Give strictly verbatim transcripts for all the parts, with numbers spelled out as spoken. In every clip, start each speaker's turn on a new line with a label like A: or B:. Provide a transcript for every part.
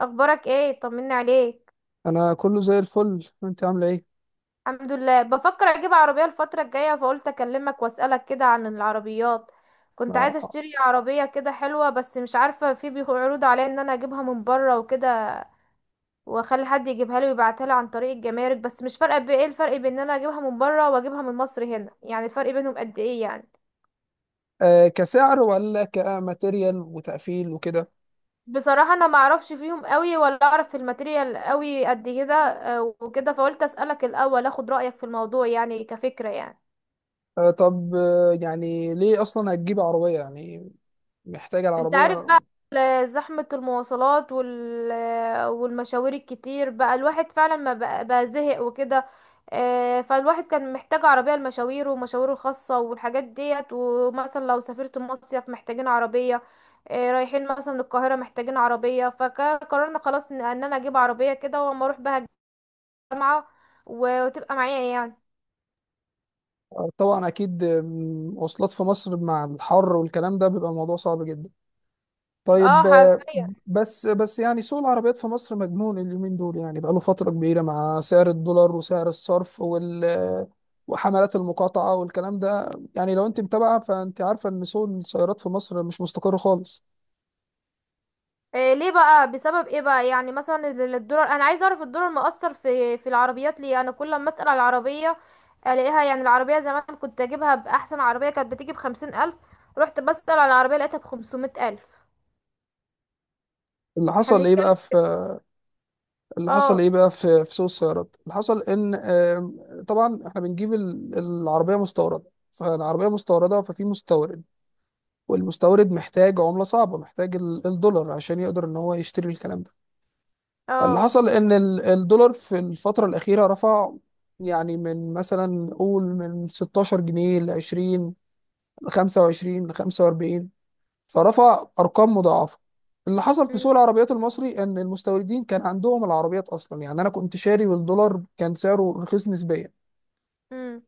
A: اخبارك ايه؟ طمني عليك.
B: انا كله زي الفل، انت عامله ايه؟
A: الحمد لله، بفكر اجيب عربية الفترة الجاية، فقلت اكلمك واسألك كده عن العربيات. كنت عايزة
B: آه.
A: اشتري عربية كده حلوة، بس مش عارفة في بيخ- عروض عليا ان انا اجيبها من بره وكده، واخلي حد يجيبها لي ويبعتها لي عن طريق الجمارك. بس مش فارقة بايه الفرق بين ان انا اجيبها من بره واجيبها من مصر هنا، يعني الفرق بينهم قد ايه يعني؟
B: آه، كسعر ولا كماتيريال وتقفيل وكده؟
A: بصراحة انا ما اعرفش فيهم قوي، ولا اعرف في الماتيريال قوي قد كده، آه، وكده فقلت اسألك الاول، اخد رأيك في الموضوع يعني، كفكرة يعني.
B: آه، طب، آه يعني ليه اصلا هتجيب عربيه؟ يعني، محتاجه
A: انت
B: العربيه؟
A: عارف بقى ال- زحمة المواصلات وال... والمشاوير الكتير، بقى الواحد فعلا ما بقى, بقى زهق وكده. آه، فالواحد كان محتاج عربية لمشاويره ومشاويره الخاصة والحاجات ديت، ومثلا لو سافرت مصيف محتاجين عربية، آه، رايحين مثلا القاهرة محتاجين عربية. فقررنا خلاص ان ان انا اجيب عربية كده، واما اروح بها الجامعة وتبقى معايا يعني.
B: آه، طبعا اكيد. آه، مواصلات في مصر مع الحر والكلام ده بيبقى الموضوع صعب جدا.
A: اه،
B: طيب، آه،
A: حرفيا.
B: بس بس يعني سوق العربيات في مصر مجنون اليومين دول، يعني بقاله فترة كبيرة مع سعر الدولار وسعر الصرف وال وحملات المقاطعة والكلام ده. يعني لو انت متابعة، فانت عارفة ان سوق السيارات في مصر مش مستقر خالص.
A: إيه ليه بقى؟ بسبب ايه بقى يعني؟ مثلا ال- الدولار، انا عايزه اعرف الدولار مؤثر في في العربيات ليه. انا كل ما اسال على العربيه الاقيها، يعني العربيه زمان كنت اجيبها، باحسن عربيه كانت بتيجي بخمسين الف. رحت بسال على العربيه لقيتها بخمسمائة الف.
B: اللي
A: احنا
B: حصل ايه
A: بنتكلم.
B: بقى في اللي حصل
A: اه.
B: ايه بقى في في سوق السيارات؟ اللي حصل ان، آه، طبعا احنا بنجيب ال- العربية مستوردة. فالعربية مستوردة ففي مستورد، والمستورد محتاج عملة صعبة، محتاج ال- الدولار عشان يقدر ان هو يشتري الكلام ده. فاللي
A: اه.
B: حصل ان ال- الدولار في الفترة الأخيرة رفع. يعني من مثلا قول من ستاشر جنيه ل عشرين ل خمسة وعشرين ل خمسة واربعين، فرفع أرقام مضاعفة. اللي حصل في
A: أمم،
B: سوق العربيات المصري ان المستوردين كان عندهم العربيات اصلا، يعني انا كنت شاري والدولار كان سعره رخيص نسبيا.
A: أمم،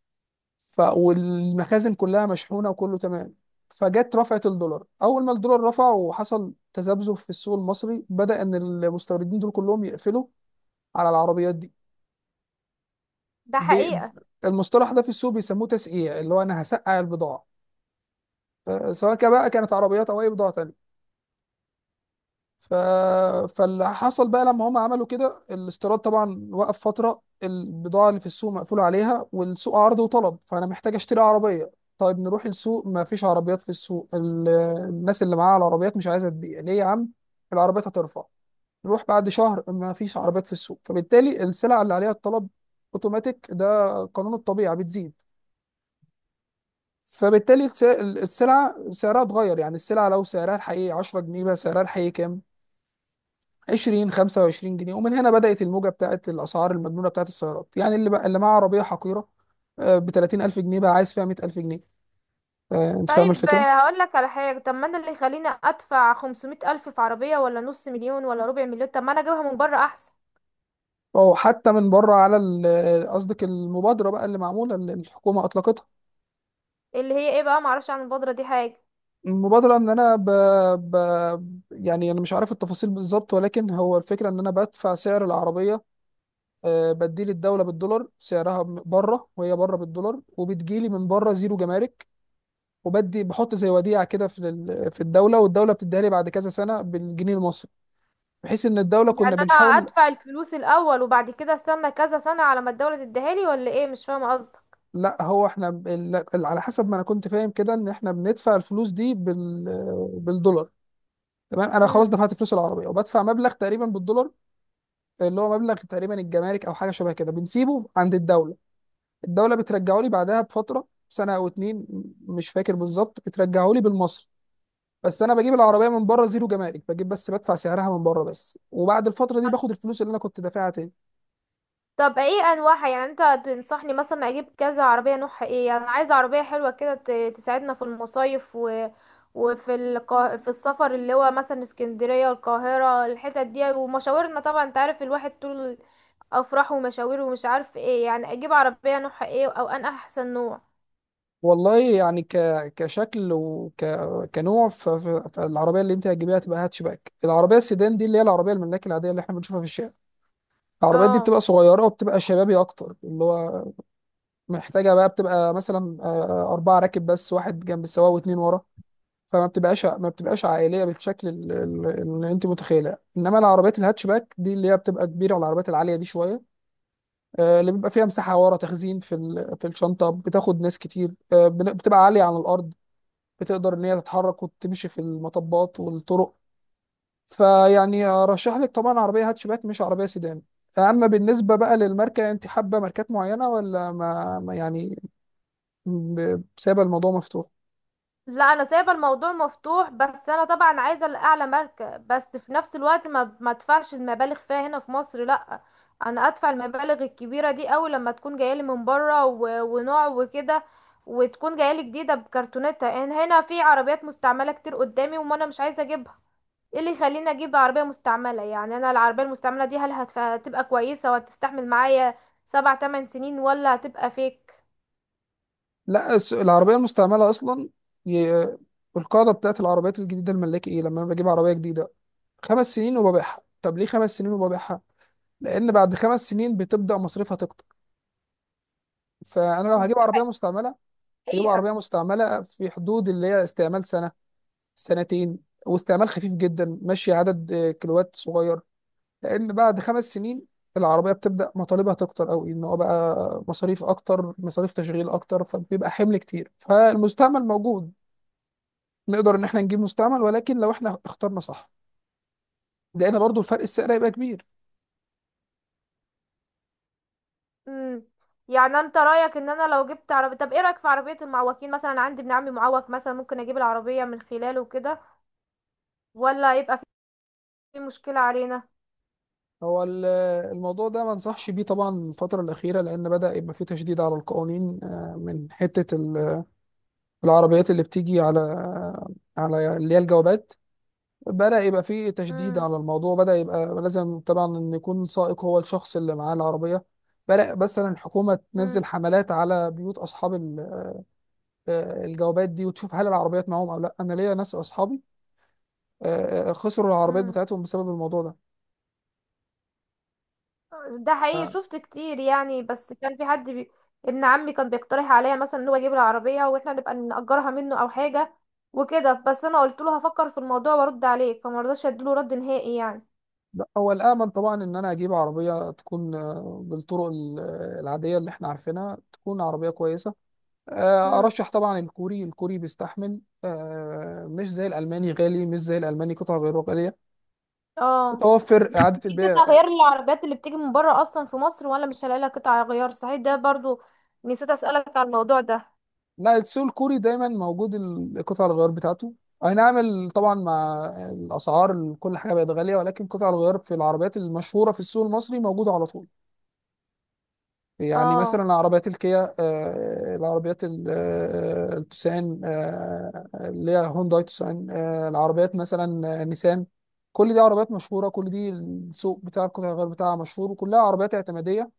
B: ف والمخازن كلها مشحونة وكله تمام. فجت رفعت الدولار، اول ما الدولار رفع وحصل تذبذب في السوق المصري، بدأ ان المستوردين دول كلهم يقفلوا على العربيات دي.
A: ده
B: بي
A: حقيقه.
B: المصطلح ده في السوق بيسموه تسقيع، اللي هو انا هسقع البضاعه، آه، سواء كان بقى كانت عربيات او اي بضاعه تانية. ف... فاللي حصل بقى لما هم عملوا كده، الاستيراد طبعا وقف فتره، البضاعه اللي في السوق مقفول عليها، والسوق عرض وطلب، فانا محتاج اشتري عربيه. طيب نروح السوق، ما فيش عربيات في السوق. ال... الناس اللي معاها العربيات مش عايزه تبيع. ليه يا عم؟ العربيات هترفع. نروح بعد شهر، ما فيش عربيات في السوق، فبالتالي السلع اللي عليها الطلب اوتوماتيك، ده قانون الطبيعه، بتزيد. فبالتالي الس- السلعة سعرها اتغير. يعني السلعة لو سعرها الحقيقي عشرة جنيه، بقى سعرها الحقيقي كام؟ عشرين، خمسة وعشرين جنيه. ومن هنا بدأت الموجة بتاعت الأسعار المجنونة بتاعت السيارات. يعني اللي بقى اللي معاه عربية حقيرة ب تلاتين الف جنيه، بقى عايز فيها ميت الف جنيه. آه، أنت فاهم
A: طيب،
B: الفكرة؟
A: آه، هقول لك على حاجه. طب ما انا اللي يخليني ادفع خمسمائة الف في عربيه، ولا نص مليون، ولا ربع مليون؟ طب ما انا اجيبها من بره احسن.
B: أو حتى من بره، على ال- قصدك المبادرة بقى اللي معمولة، اللي الحكومة أطلقتها.
A: اللي هي ايه بقى؟ معرفش عن البودره دي حاجه.
B: المبادرة إن أنا ب... ب... يعني أنا مش عارف التفاصيل بالظبط، ولكن هو الفكرة إن أنا بدفع سعر العربية، آه، بديل الدولة بالدولار سعرها م- بره، وهي بره بالدولار، وبتجيلي من بره زيرو جمارك. وبدي بحط زي وديعة كده في ال- في الدولة، والدولة بتديها لي بعد كذا سنة بالجنيه المصري، بحيث ان الدولة
A: يعني
B: كنا
A: انا
B: بنحاول.
A: ادفع الفلوس الاول، وبعد كده استنى كذا سنة على ما الدولة تديها لي، ولا ايه؟ مش فاهمة قصدك.
B: لا، هو احنا ب- ال- ال- على حسب ما انا كنت فاهم كده، ان احنا بندفع الفلوس دي بال بالدولار. تمام، انا
A: امم.
B: خلاص دفعت فلوس العربية وبدفع مبلغ تقريبا بالدولار، اللي هو مبلغ تقريبا الجمارك او حاجة شبه كده، بنسيبه عند الدولة. الدوله بترجعه لي بعدها بفتره سنه او اتنين، م- مش فاكر بالظبط، بترجعه لي بالمصري. بس انا بجيب العربيه من بره زيرو جمارك، بجيب بس بدفع سعرها من بره بس، وبعد الفتره دي باخد الفلوس اللي انا كنت دافعها تاني.
A: طب ايه انواعها؟ يعني انت تنصحني مثلا اجيب كذا عربية، نوعها ايه؟ يعني انا عايزة عربية حلوة كده، ت- تساعدنا في المصايف و... وفي القا... في السفر، اللي هو مثلا اسكندرية القاهرة، الحتت دي ومشاورنا. طبعا انت عارف الواحد، طول افراحه ومشاويره ومش عارف ايه. يعني اجيب عربية نوعها ايه، او ان احسن نوع
B: والله، يعني ك... كشكل وك كنوع، ف... ف... فالعربيه اللي انت هتجيبيها تبقى هاتشباك. العربيه السيدان دي اللي هي العربيه الملاك العاديه اللي احنا بنشوفها في الشارع، العربيات دي
A: اه.
B: بتبقى صغيره وبتبقى شبابي اكتر، اللي هو محتاجه بقى بتبقى مثلا آه، آه، اربعه راكب بس، واحد جنب السواق واتنين ورا. فما بتبقاش ما بتبقاش عائليه بالشكل ال- ال- اللي انت متخيله، انما العربيات الهاتشباك دي اللي هي بتبقى كبيره والعربيات العاليه دي شويه، آه، اللي بيبقى فيها مساحه ورا تخزين في ال- في الشنطه، بتاخد ناس كتير، آه، بن- بتبقى عاليه عن الارض، بتقدر ان هي تتحرك وتمشي في المطبات والطرق. فيعني ارشح لك طبعا عربيه هاتشباك، مش عربيه سيدان. اما بالنسبه بقى للماركه، انت حابه ماركات معينه ولا ما ما يعني؟ ب- سايبه الموضوع مفتوح؟
A: لا انا سايبه الموضوع مفتوح، بس انا طبعا عايزه الاعلى ماركه، بس في نفس الوقت ما ما ادفعش المبالغ فيها هنا في مصر، لا. انا ادفع المبالغ الكبيره دي قوي لما تكون جايه لي من بره، و... ونوع وكده، وتكون جايه لي جديده بكرتونتها. ان هنا في عربيات مستعمله كتير قدامي، وما انا مش عايزه اجيبها. ايه اللي يخليني اجيب عربيه مستعمله؟ يعني انا العربيه المستعمله دي هل هتف... هتبقى كويسه وهتستحمل معايا سبع تمن سنين، ولا هتبقى فيك؟
B: لا، الس- العربية المستعملة أصلا، ي- القاعدة بتاعت العربيات الجديدة الملاكي إيه؟ لما أنا بجيب عربية جديدة، خمس سنين وببيعها. طب ليه خمس سنين وببيعها؟ لأن بعد خمس سنين بتبدأ مصاريفها تكتر. فأنا لو هجيب عربية مستعملة، هجيب عربية مستعملة في حدود اللي هي استعمال سنة، سنتين، واستعمال خفيف جدا، ماشي عدد آه، كيلوات صغير. لأن بعد خمس سنين العربية بتبدأ مطالبها تكتر أوي، إن هو بقى مصاريف أكتر، مصاريف تشغيل أكتر، فبيبقى حمل كتير. فالمستعمل موجود، نقدر ان احنا نجيب مستعمل، ولكن لو احنا اخترنا صح، لان برضو الفرق السعر هيبقى كبير.
A: امم. يعني انت رايك ان انا لو جبت عربيه، طب ايه رايك في عربيه المعوقين مثلا؟ أنا عندي ابن عمي معوق مثلا، ممكن اجيب العربيه من خلاله وكده، ولا يبقى في مشكله علينا؟
B: هو ال- الموضوع ده ما انصحش بيه طبعا الفترة الأخيرة، لأن بدأ يبقى فيه تشديد على القوانين، آه، من حتة ال- العربيات اللي بتيجي على على اللي هي الجوابات. بدأ يبقى فيه تشديد
A: امم.
B: على الموضوع، بدأ يبقى لازم طبعا إن يكون سائق هو الشخص اللي معاه العربية. بدأ مثلا الحكومة
A: امم.
B: تنزل حملات على بيوت أصحاب ال- آه، الجوابات دي، وتشوف هل العربيات معاهم أو لا. أنا ليا ناس أصحابي آه، آه، خسروا العربيات
A: امم.
B: بتاعتهم بسبب الموضوع ده.
A: ده حقيقي، شفت كتير يعني. بس كان في حد بي... ابن عمي كان بيقترح عليا مثلا ان هو يجيب العربيه واحنا نبقى نأجرها منه او حاجه وكده. بس انا قلت له هفكر في الموضوع وارد عليك، فما رضاش اديله رد نهائي يعني.
B: لا، هو الامن طبعا ان انا اجيب عربيه تكون آه، بالطرق ال- آه، العاديه اللي احنا عارفينها، تكون عربيه كويسه. آه،
A: امم.
B: ارشح طبعا الكوري. الكوري بيستحمل، آه، مش زي الالماني غالي، مش زي الالماني قطع غيره غاليه.
A: اه.
B: متوفر اعاده
A: قطع
B: البيع.
A: غيار العربيات اللي بتيجي من بره اصلا في مصر، ولا مش هلاقي لها قطع غيار؟ صحيح، ده برضو نسيت اسالك على الموضوع ده.
B: لا، السوق الكوري دايما موجود، ال- قطع الغيار بتاعته. اي نعم، ال- طبعا مع الاسعار، ال- كل حاجه بقت غاليه، ولكن قطع الغيار في العربيات المشهوره في السوق المصري موجوده على طول. يعني
A: اه.
B: مثلا العربيات الكيا، آه، العربيات ال- آه، التوسان، آه، اللي هي هونداي توسان، آه، العربيات مثلا آه، نيسان. كل دي عربيات مشهورة، كل دي السوق بتاع القطع الغيار بتاعها مشهور، وكلها عربيات اعتمادية.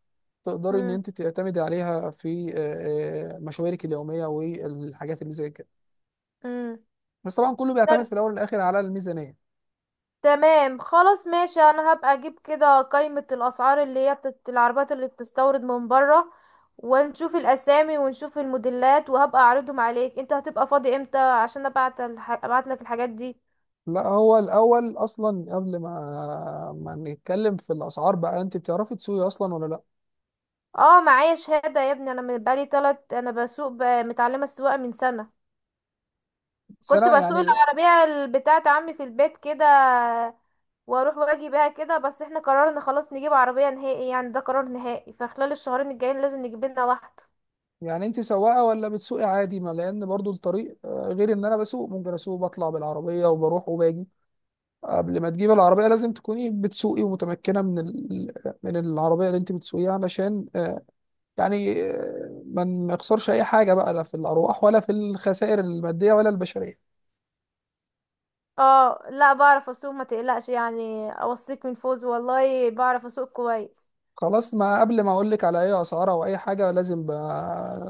B: تقدري ان
A: امم.
B: انت تعتمدي عليها في آه، آه، مشاويرك اليومية والحاجات اللي زي كده.
A: امم.
B: بس طبعا كله بيعتمد
A: طب
B: في الاول والاخر على الميزانية.
A: تمام، خلاص ماشي. انا هبقى اجيب كده قائمة الاسعار اللي هي بتت... العربيات اللي بتستورد من بره، ونشوف الاسامي ونشوف الموديلات، وهبقى اعرضهم عليك. انت هتبقى فاضي امتى، عشان ابعت الح... ابعت لك الحاجات دي؟
B: لا، هو الاول اصلا قبل ما ما نتكلم في الاسعار بقى، انت بتعرفي تسوقي اصلا ولا لا؟
A: اه معايا شهادة يا ابني، انا من- بقالي تلت، انا بسوق ب... متعلمة السواقة من سنة.
B: بس
A: كنت
B: انا
A: بسوق
B: يعني،
A: العربية بتاعة عمي في البيت كده، واروح واجي بيها كده. بس احنا قررنا خلاص نجيب عربية نهائي يعني، ده قرار نهائي، فخلال الشهرين الجايين لازم نجيب لنا واحدة.
B: يعني انت سواقه ولا بتسوقي عادي؟ ما لان برضو الطريق آه، غير، ان انا بسوق ممكن اسوق بطلع بالعربيه وبروح وباجي. آه، قبل ما تجيب العربيه لازم تكوني بتسوقي ومتمكنه من ال... من العربيه اللي انت بتسوقيها، علشان آه، يعني آه، ما نخسرش اي حاجه بقى، لا في الارواح ولا في الخسائر الماديه ولا البشريه.
A: اه لا بعرف اسوق، ما تقلقش يعني، اوصيك من فوز، والله بعرف اسوق كويس.
B: خلاص، ما قبل ما اقول لك على اي اسعار او اي حاجه، لازم ب-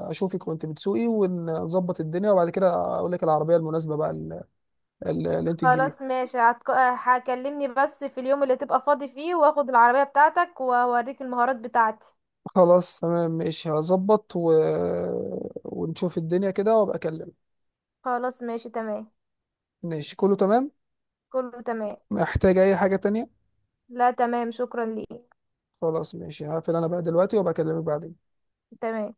B: اشوفك وانت بتسوقي ونظبط الدنيا، وبعد كده اقول لك العربيه المناسبه بقى اللي, اللي انت تجيبيها.
A: خلاص ماشي، هتك- هكلمني بس في اليوم اللي تبقى فاضي فيه، واخد العربية بتاعتك واوريك المهارات بتاعتي.
B: خلاص تمام ماشي، هظبط و... ونشوف الدنيا كده وابقى اكلمك.
A: خلاص ماشي تمام.
B: ماشي، كله تمام.
A: كله تمام.
B: محتاج اي حاجة تانية؟
A: لا تمام، شكرا ليك.
B: خلاص ماشي، هقفل انا بقى دلوقتي وابقى اكلمك بعدين.
A: تمام.